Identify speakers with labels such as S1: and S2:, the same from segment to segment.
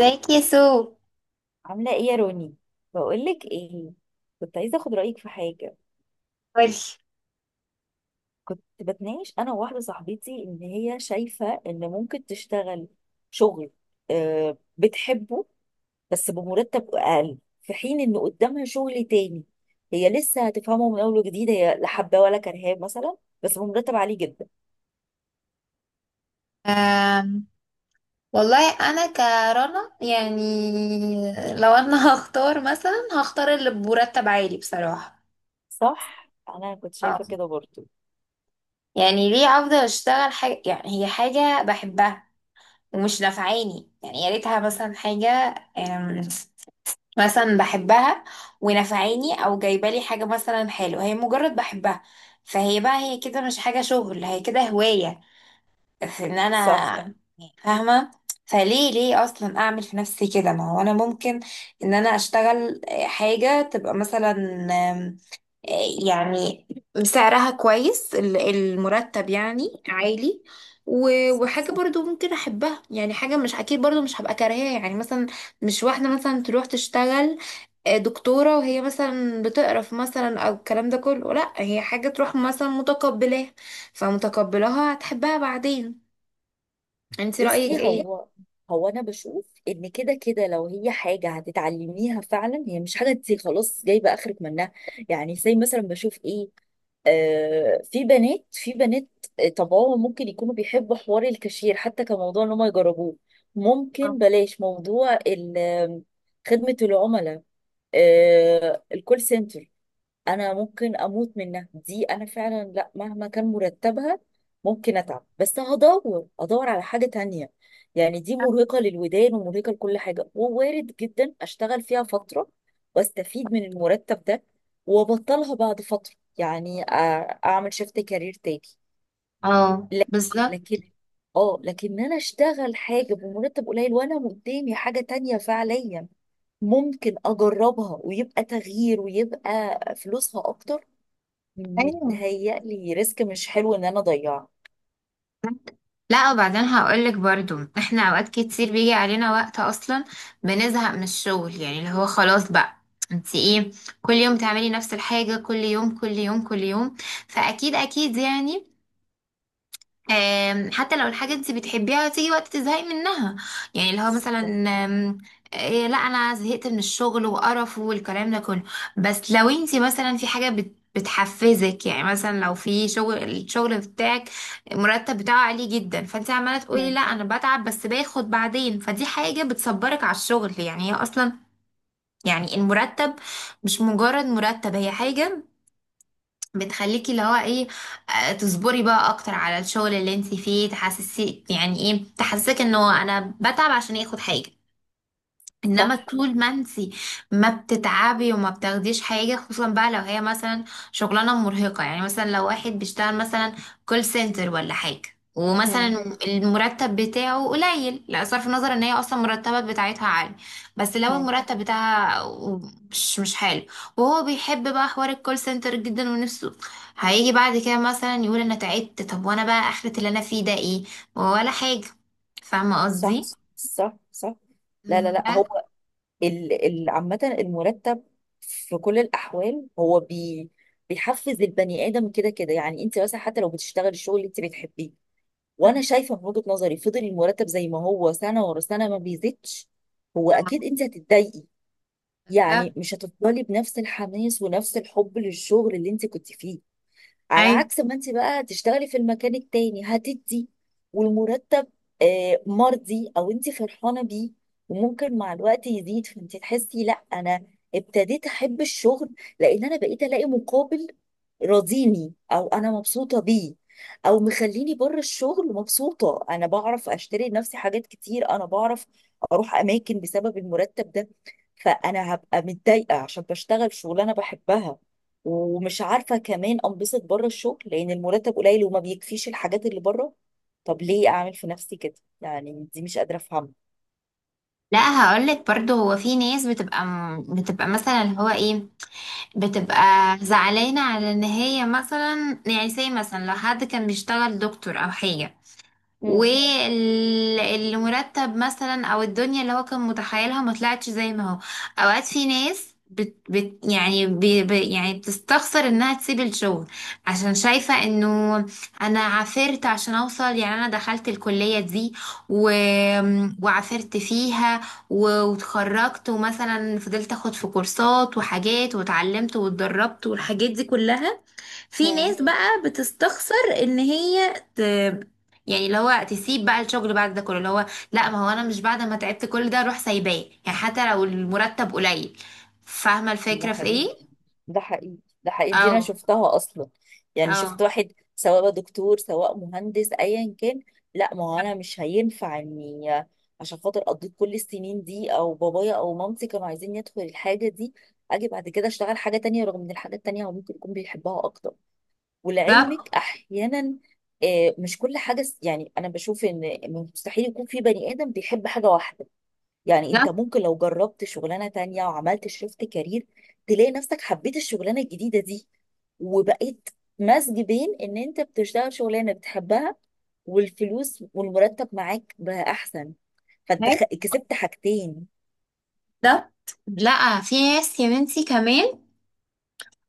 S1: ازيك يا سو؟
S2: عاملة ايه يا روني؟ بقولك ايه. كنت عايزة اخد رأيك في حاجة.
S1: قولي.
S2: كنت بتناقش انا وواحدة صاحبتي ان هي شايفة ان ممكن تشتغل شغل، آه، بتحبه، بس بمرتب اقل في حين ان قدامها شغل تاني. هي لسه هتفهمه من اول وجديد، هي لا حباه ولا كرهاه مثلا، بس بمرتب عالي جدا.
S1: أم، والله انا كرنا يعني، لو انا هختار مثلا اللي بمرتب عالي بصراحة.
S2: صح؟ انا كنت شايفة
S1: اه،
S2: كده برضو.
S1: يعني ليه افضل اشتغل حاجة يعني هي حاجة بحبها ومش نافعاني، يعني يا ريتها مثلا حاجة أم، مثلا بحبها ونافعاني او جايبه لي حاجة مثلا حلوة، هي مجرد بحبها فهي بقى هي كده مش حاجة شغل هي كده هواية في ان
S2: صح.
S1: انا فاهمه. فليه اصلا اعمل في نفسي كده، ما هو انا ممكن ان انا اشتغل حاجه تبقى مثلا آم، يعني سعرها كويس، المرتب يعني عالي، و- وحاجه برضو ممكن احبها، يعني حاجه مش اكيد برضو مش هبقى كارهاها، يعني مثلا مش واحده مثلا تروح تشتغل دكتوره وهي مثلا بتقرف مثلا، او الكلام ده كله، لا هي حاجه تروح مثلا متقبلاها فمتقبلاها هتحبها بعدين. انت رأيك
S2: بصي،
S1: ايه؟
S2: هو هو انا بشوف ان كده كده لو هي حاجه هتتعلميها فعلا، هي مش حاجه انت خلاص جايبه اخرك منها. يعني زي مثلا بشوف ايه. آه، في بنات في بنات، آه، طبعهم ممكن يكونوا بيحبوا حوار الكاشير حتى كموضوع ان هم يجربوه.
S1: اه.
S2: ممكن بلاش موضوع خدمه العملاء. آه، الكول سنتر. انا ممكن اموت منها دي، انا فعلا لا مهما كان مرتبها. ممكن اتعب بس ادور على حاجة تانية. يعني دي مرهقة للودان ومرهقة لكل حاجة، ووارد جدا اشتغل فيها فترة، واستفيد من المرتب ده، وابطلها بعد فترة. يعني اعمل شيفت كارير تاني.
S1: اه.
S2: لا-
S1: بس.
S2: لكن. اه، لكن انا اشتغل حاجة بمرتب قليل وانا قدامي حاجة تانية فعليا ممكن اجربها ويبقى تغيير ويبقى فلوسها اكتر.
S1: ايوه.
S2: متهيألي ريسك مش حلو ان انا اضيعه.
S1: لا وبعدين هقولك برضو احنا اوقات كتير بيجي علينا وقت اصلا بنزهق من الشغل، يعني اللي هو خلاص بقى انت ايه، كل يوم تعملي نفس الحاجة، كل يوم كل يوم كل يوم. فاكيد اكيد يعني حتى لو الحاجة انت بتحبيها تيجي وقت تزهقي منها، يعني اللي هو مثلا آم، إيه لا انا زهقت من الشغل وقرف والكلام ده كله. بس لو انت مثلا في حاجة بتحفزك، يعني مثلا لو في الشغل بتاعك المرتب بتاعه عالي جدا، فانت عمالة تقولي
S2: مم.
S1: لا انا بتعب بس باخد بعدين، فدي حاجة بتصبرك على الشغل يعني. هي اصلا يعني المرتب مش مجرد مرتب، هي حاجة بتخليكي اللي هو ايه، تصبري بقى اكتر على الشغل اللي انت فيه، تحسسي يعني ايه، تحسسك انه انا بتعب عشان ياخد حاجة. انما
S2: صح.
S1: طول ما انتي ما بتتعبي وما بتاخديش حاجه، خصوصا بقى لو هي مثلا شغلانه مرهقه، يعني مثلا لو واحد بيشتغل مثلا كول سنتر ولا حاجه،
S2: مم.
S1: ومثلا المرتب بتاعه قليل. لا صرف النظر ان هي اصلا المرتبات بتاعتها عالي، بس لو
S2: مم.
S1: المرتب بتاعها مش حلو وهو بيحب بقى حوار الكول سنتر جدا ونفسه، هيجي بعد كده مثلا يقول انا تعبت، طب وانا بقى اخرة اللي انا فيه ده ايه، ولا حاجه. فاهمه قصدي؟
S2: صح، صح، صح. لا، لا، لا. هو ال عامة المرتب في كل الأحوال، هو بيحفز البني آدم كده كده. يعني أنت مثلا حتى لو بتشتغل الشغل اللي أنت بتحبيه، وأنا شايفة من وجهة نظري فضل المرتب زي ما هو سنة ورا سنة ما بيزيدش، هو أكيد أنت هتتضايقي.
S1: بس.
S2: يعني مش هتفضلي بنفس الحماس ونفس الحب للشغل اللي أنت كنت فيه. على
S1: ايوه.
S2: عكس ما انت بقى تشتغلي في المكان التاني هتدي، والمرتب، آه، مرضي او انت فرحانه بيه، وممكن مع الوقت يزيد. فانت تحسي لا، انا ابتديت احب الشغل لان انا بقيت الاقي مقابل راضيني، او انا مبسوطه بيه، او مخليني بره الشغل مبسوطه. انا بعرف اشتري لنفسي حاجات كتير، انا بعرف اروح اماكن بسبب المرتب ده. فانا هبقى متضايقه عشان بشتغل شغلانه بحبها ومش عارفة كمان أنبسط بره الشغل لأن المرتب قليل وما بيكفيش الحاجات اللي بره. طب ليه أعمل في نفسي كده؟ يعني دي مش قادرة أفهمها.
S1: لا هقولك برضو، هو في ناس بتبقى مثلا اللي هو ايه، بتبقى زعلانة على ان هي مثلا، يعني زي مثلا لو حد كان بيشتغل دكتور او حاجة
S2: مم.
S1: والمرتب مثلا، او الدنيا اللي هو كان متخيلها ما طلعتش زي ما هو. اوقات في ناس بت بت يعني بي بي يعني بتستخسر انها تسيب الشغل عشان شايفة انه انا عافرت عشان اوصل، يعني انا دخلت الكلية دي و... وعافرت فيها و... وتخرجت ومثلا فضلت اخد في كورسات وحاجات واتعلمت واتدربت والحاجات دي كلها. في
S2: مم.
S1: ناس بقى بتستخسر ان هي يعني اللي هو تسيب بقى الشغل بعد ده كله، اللي هو لا ما هو انا مش بعد ما تعبت كل ده اروح سايباه يعني، حتى لو المرتب قليل. فاهمه
S2: ده
S1: الفكره في
S2: حقيقي،
S1: ايه؟
S2: ده حقيقي، ده حقيقي،
S1: او
S2: دي أنا شفتها أصلا. يعني
S1: او
S2: شفت واحد سواء بقى دكتور سواء مهندس أيا كان، لا ما هو أنا مش هينفع إني عشان خاطر قضيت كل السنين دي أو بابايا أو مامتي كانوا عايزين يدخل الحاجة دي أجي بعد كده أشتغل حاجة تانية، رغم إن الحاجة التانية هو ممكن يكون بيحبها أكتر.
S1: ده
S2: ولعلمك احيانا، آه، مش كل حاجه. يعني انا بشوف ان مستحيل يكون في بني ادم بيحب حاجه واحده. يعني انت
S1: ده
S2: ممكن لو جربت شغلانه تانية وعملت شيفت كارير تلاقي نفسك حبيت الشغلانه الجديده دي، وبقيت مزج بين ان انت بتشتغل شغلانه بتحبها والفلوس والمرتب معاك بقى احسن. فانت
S1: ده
S2: كسبت حاجتين.
S1: ده لا في ناس يا بنتي كمان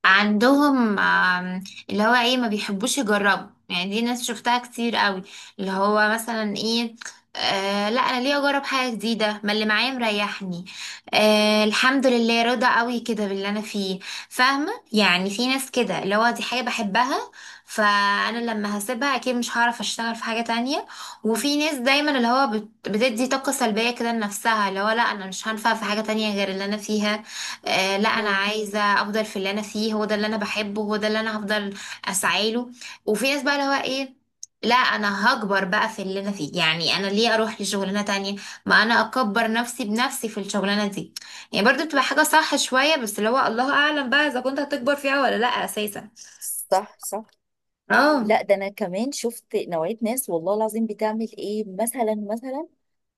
S1: عندهم اللي هو ايه، ما بيحبوش يجربوا، يعني دي ناس شفتها كتير قوي، اللي هو مثلا ايه، آه لا انا ليه اجرب حاجه جديده، ما اللي معايا مريحني، آه الحمد لله راضي قوي كده باللي انا فيه. فاهمه، يعني في ناس كده اللي هو دي حاجه بحبها فانا لما هسيبها اكيد مش هعرف اشتغل في حاجه تانية. وفي ناس دايما اللي هو بتدي طاقه سلبيه كده لنفسها، اللي هو لا انا مش هنفع في حاجه تانية غير اللي انا فيها، آه لا انا
S2: مم.
S1: عايزه افضل في اللي انا فيه هو ده اللي انا بحبه هو ده اللي انا هفضل اسعى له. وفي ناس بقى اللي هو ايه، لا انا هكبر بقى في اللي انا فيه، يعني انا ليه اروح لشغلانه تانية، ما انا اكبر نفسي بنفسي في الشغلانه دي. يعني برضو بتبقى حاجه صح شويه، بس اللي هو الله اعلم بقى اذا كنت هتكبر فيها ولا لا اساسا.
S2: صح، صح.
S1: اه.
S2: لا، ده انا كمان شفت نوعية ناس والله العظيم بتعمل ايه، مثلا،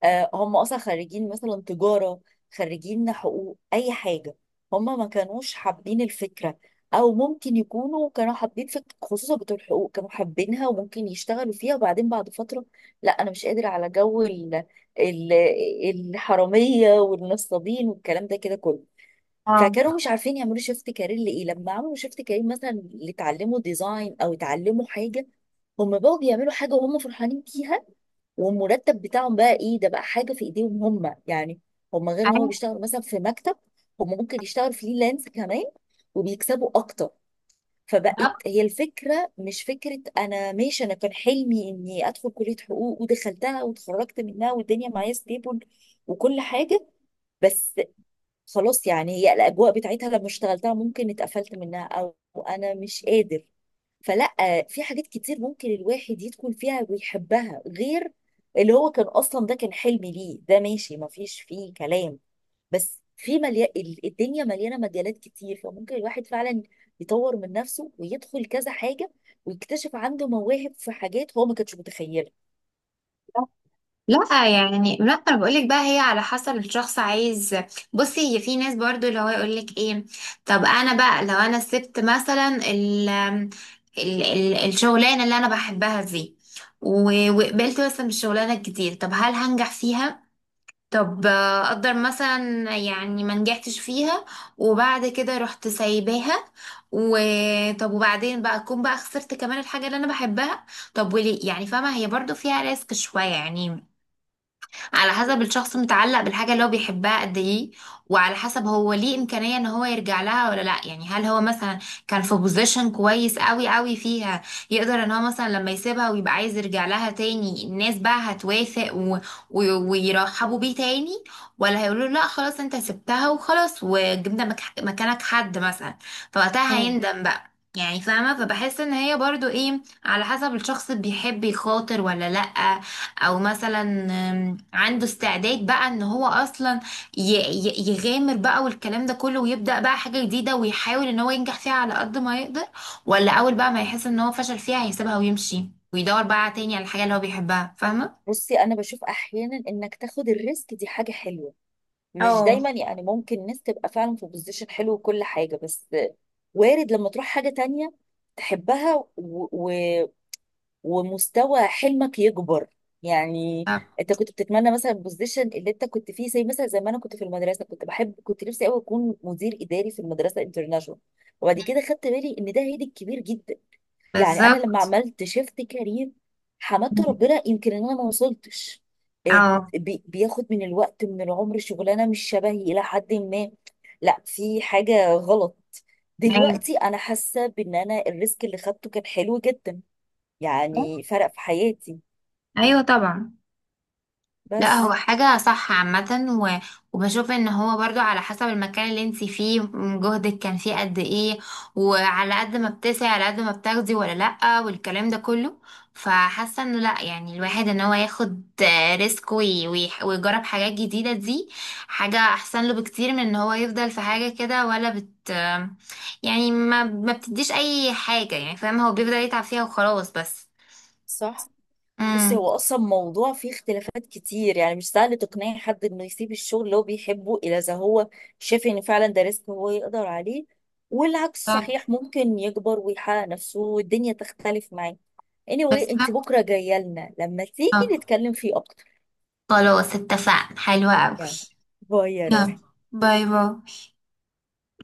S2: آه، هم اصلا خريجين مثلا تجارة، خريجين حقوق اي حاجة. هم ما كانوش حابين الفكرة. او ممكن يكونوا كانوا حابين فكرة، خصوصا بتوع الحقوق كانوا حابينها وممكن يشتغلوا فيها، وبعدين بعد فترة لا انا مش قادر على جو ال- الحرامية والنصابين والكلام ده كده كله. فكانوا مش عارفين يعملوا شيفت كارير. لايه لما عملوا شيفت كارير مثلا اللي اتعلموا ديزاين او اتعلموا حاجه، هم بقوا بيعملوا حاجه وهم فرحانين بيها، والمرتب بتاعهم بقى ايه، ده بقى حاجه في ايديهم هم. يعني هم، غير ان هو
S1: أيوة.
S2: بيشتغل مثلا في مكتب، هم ممكن يشتغل فريلانس كمان وبيكسبوا اكتر. فبقت هي الفكره مش فكره انا ماشي، انا كان حلمي اني ادخل كليه حقوق ودخلتها واتخرجت منها والدنيا معايا ستيبل وكل حاجه، بس خلاص يعني هي الاجواء بتاعتها لما اشتغلتها ممكن اتقفلت منها، او انا مش قادر. فلا، في حاجات كتير ممكن الواحد يدخل فيها ويحبها غير اللي هو كان اصلا. ده كان حلم ليه، ده ماشي ما فيش فيه كلام، بس في الدنيا مليانه مجالات كتير، فممكن الواحد فعلا يطور من نفسه ويدخل كذا حاجه ويكتشف عنده مواهب في حاجات هو ما كانش متخيلها.
S1: بالظبط. لا يعني لا انا بقولك بقى هي على حسب الشخص عايز. بصي هي في ناس برضو اللي هو يقولك ايه، طب انا بقى لو انا سبت مثلا ال ال ال الشغلانه اللي انا بحبها دي و- وقبلت مثلا بالشغلانه الجديده، طب هل هنجح فيها، طب اقدر مثلا يعني ما نجحتش فيها وبعد كده رحت سايباها، وطب وبعدين بقى اكون بقى خسرت كمان الحاجه اللي انا بحبها. طب وليه يعني، فاهمه هي برضو فيها ريسك شويه يعني، على حسب الشخص متعلق بالحاجة اللي هو بيحبها قد ايه، وعلى حسب هو ليه إمكانية ان هو يرجع لها ولا لا، يعني هل هو مثلا كان في بوزيشن كويس قوي قوي فيها، يقدر ان هو مثلا لما يسيبها ويبقى عايز يرجع لها تاني الناس بقى هتوافق و... و... ويرحبوا بيه تاني، ولا هيقولوا له لا خلاص انت سبتها وخلاص وجبنا مكانك حد مثلا فوقتها
S2: مم.
S1: هيندم بقى، يعني فاهمة. فبحس ان هي برضو ايه، على حسب الشخص بيحب يخاطر ولا لأ، او مثلا عنده استعداد بقى ان هو اصلا يغامر بقى والكلام ده كله، ويبدأ بقى حاجة جديدة ويحاول ان هو ينجح فيها على قد ما يقدر، ولا اول بقى ما يحس ان هو فشل فيها هيسيبها ويمشي ويدور بقى تاني على الحاجة اللي هو بيحبها. فاهمة؟
S2: بصي، انا بشوف احيانا انك تاخد الريسك دي حاجه حلوه. مش
S1: اه.
S2: دايما يعني، ممكن الناس تبقى فعلا في بوزيشن حلو وكل حاجة. بس وارد لما تروح حاجة تانية تحبها ومستوى حلمك يكبر. يعني
S1: آه،
S2: انت كنت بتتمنى مثلا البوزيشن اللي انت كنت فيه، زي مثلا زي ما انا كنت في المدرسة كنت بحب، كنت نفسي قوي اكون مدير اداري في المدرسة انترناشونال. وبعد كده خدت بالي ان ده هيدي كبير جدا. يعني انا لما
S1: بالظبط.
S2: عملت شيفت كارير حمدت ربنا يمكن ان انا ما وصلتش. إيه،
S1: اه.
S2: بياخد من الوقت من العمر شغلانه مش شبهي الى حد ما. لا في حاجه غلط.
S1: ايوه.
S2: دلوقتي انا حاسه بان انا الريسك اللي خدته كان حلو جدا. يعني فرق في حياتي.
S1: ايوه طبعا. لا هو
S2: بس.
S1: حاجة صح عامة و... وبشوف ان هو برضو على حسب المكان اللي انت فيه، جهدك كان فيه قد ايه، وعلى قد ما بتسعي على قد ما بتاخدي ولا لأ والكلام ده كله. فحاسة انه لأ، يعني الواحد ان هو ياخد ريسك وي... وي... ويجرب حاجات جديدة، دي حاجة احسن له بكتير من ان هو يفضل في حاجة كده ولا بت آه، يعني ما بتديش اي حاجة، يعني فاهم هو بيفضل يتعب فيها وخلاص. بس.
S2: صح. بصي
S1: امم
S2: هو اصلا موضوع فيه اختلافات كتير، يعني مش سهل تقنعي حد انه يسيب الشغل اللي هو بيحبه الا اذا هو شايف ان فعلا ده ريسك هو يقدر عليه. والعكس صحيح، ممكن يكبر ويحقق نفسه والدنيا تختلف معاه. anyway، انت
S1: بالظبط.
S2: بكره جايه لنا لما تيجي نتكلم فيه اكتر.
S1: خلاص اتفقنا، حلوة أوي.
S2: يلا، باي يا
S1: يلا.
S2: روحي.
S1: باي باي.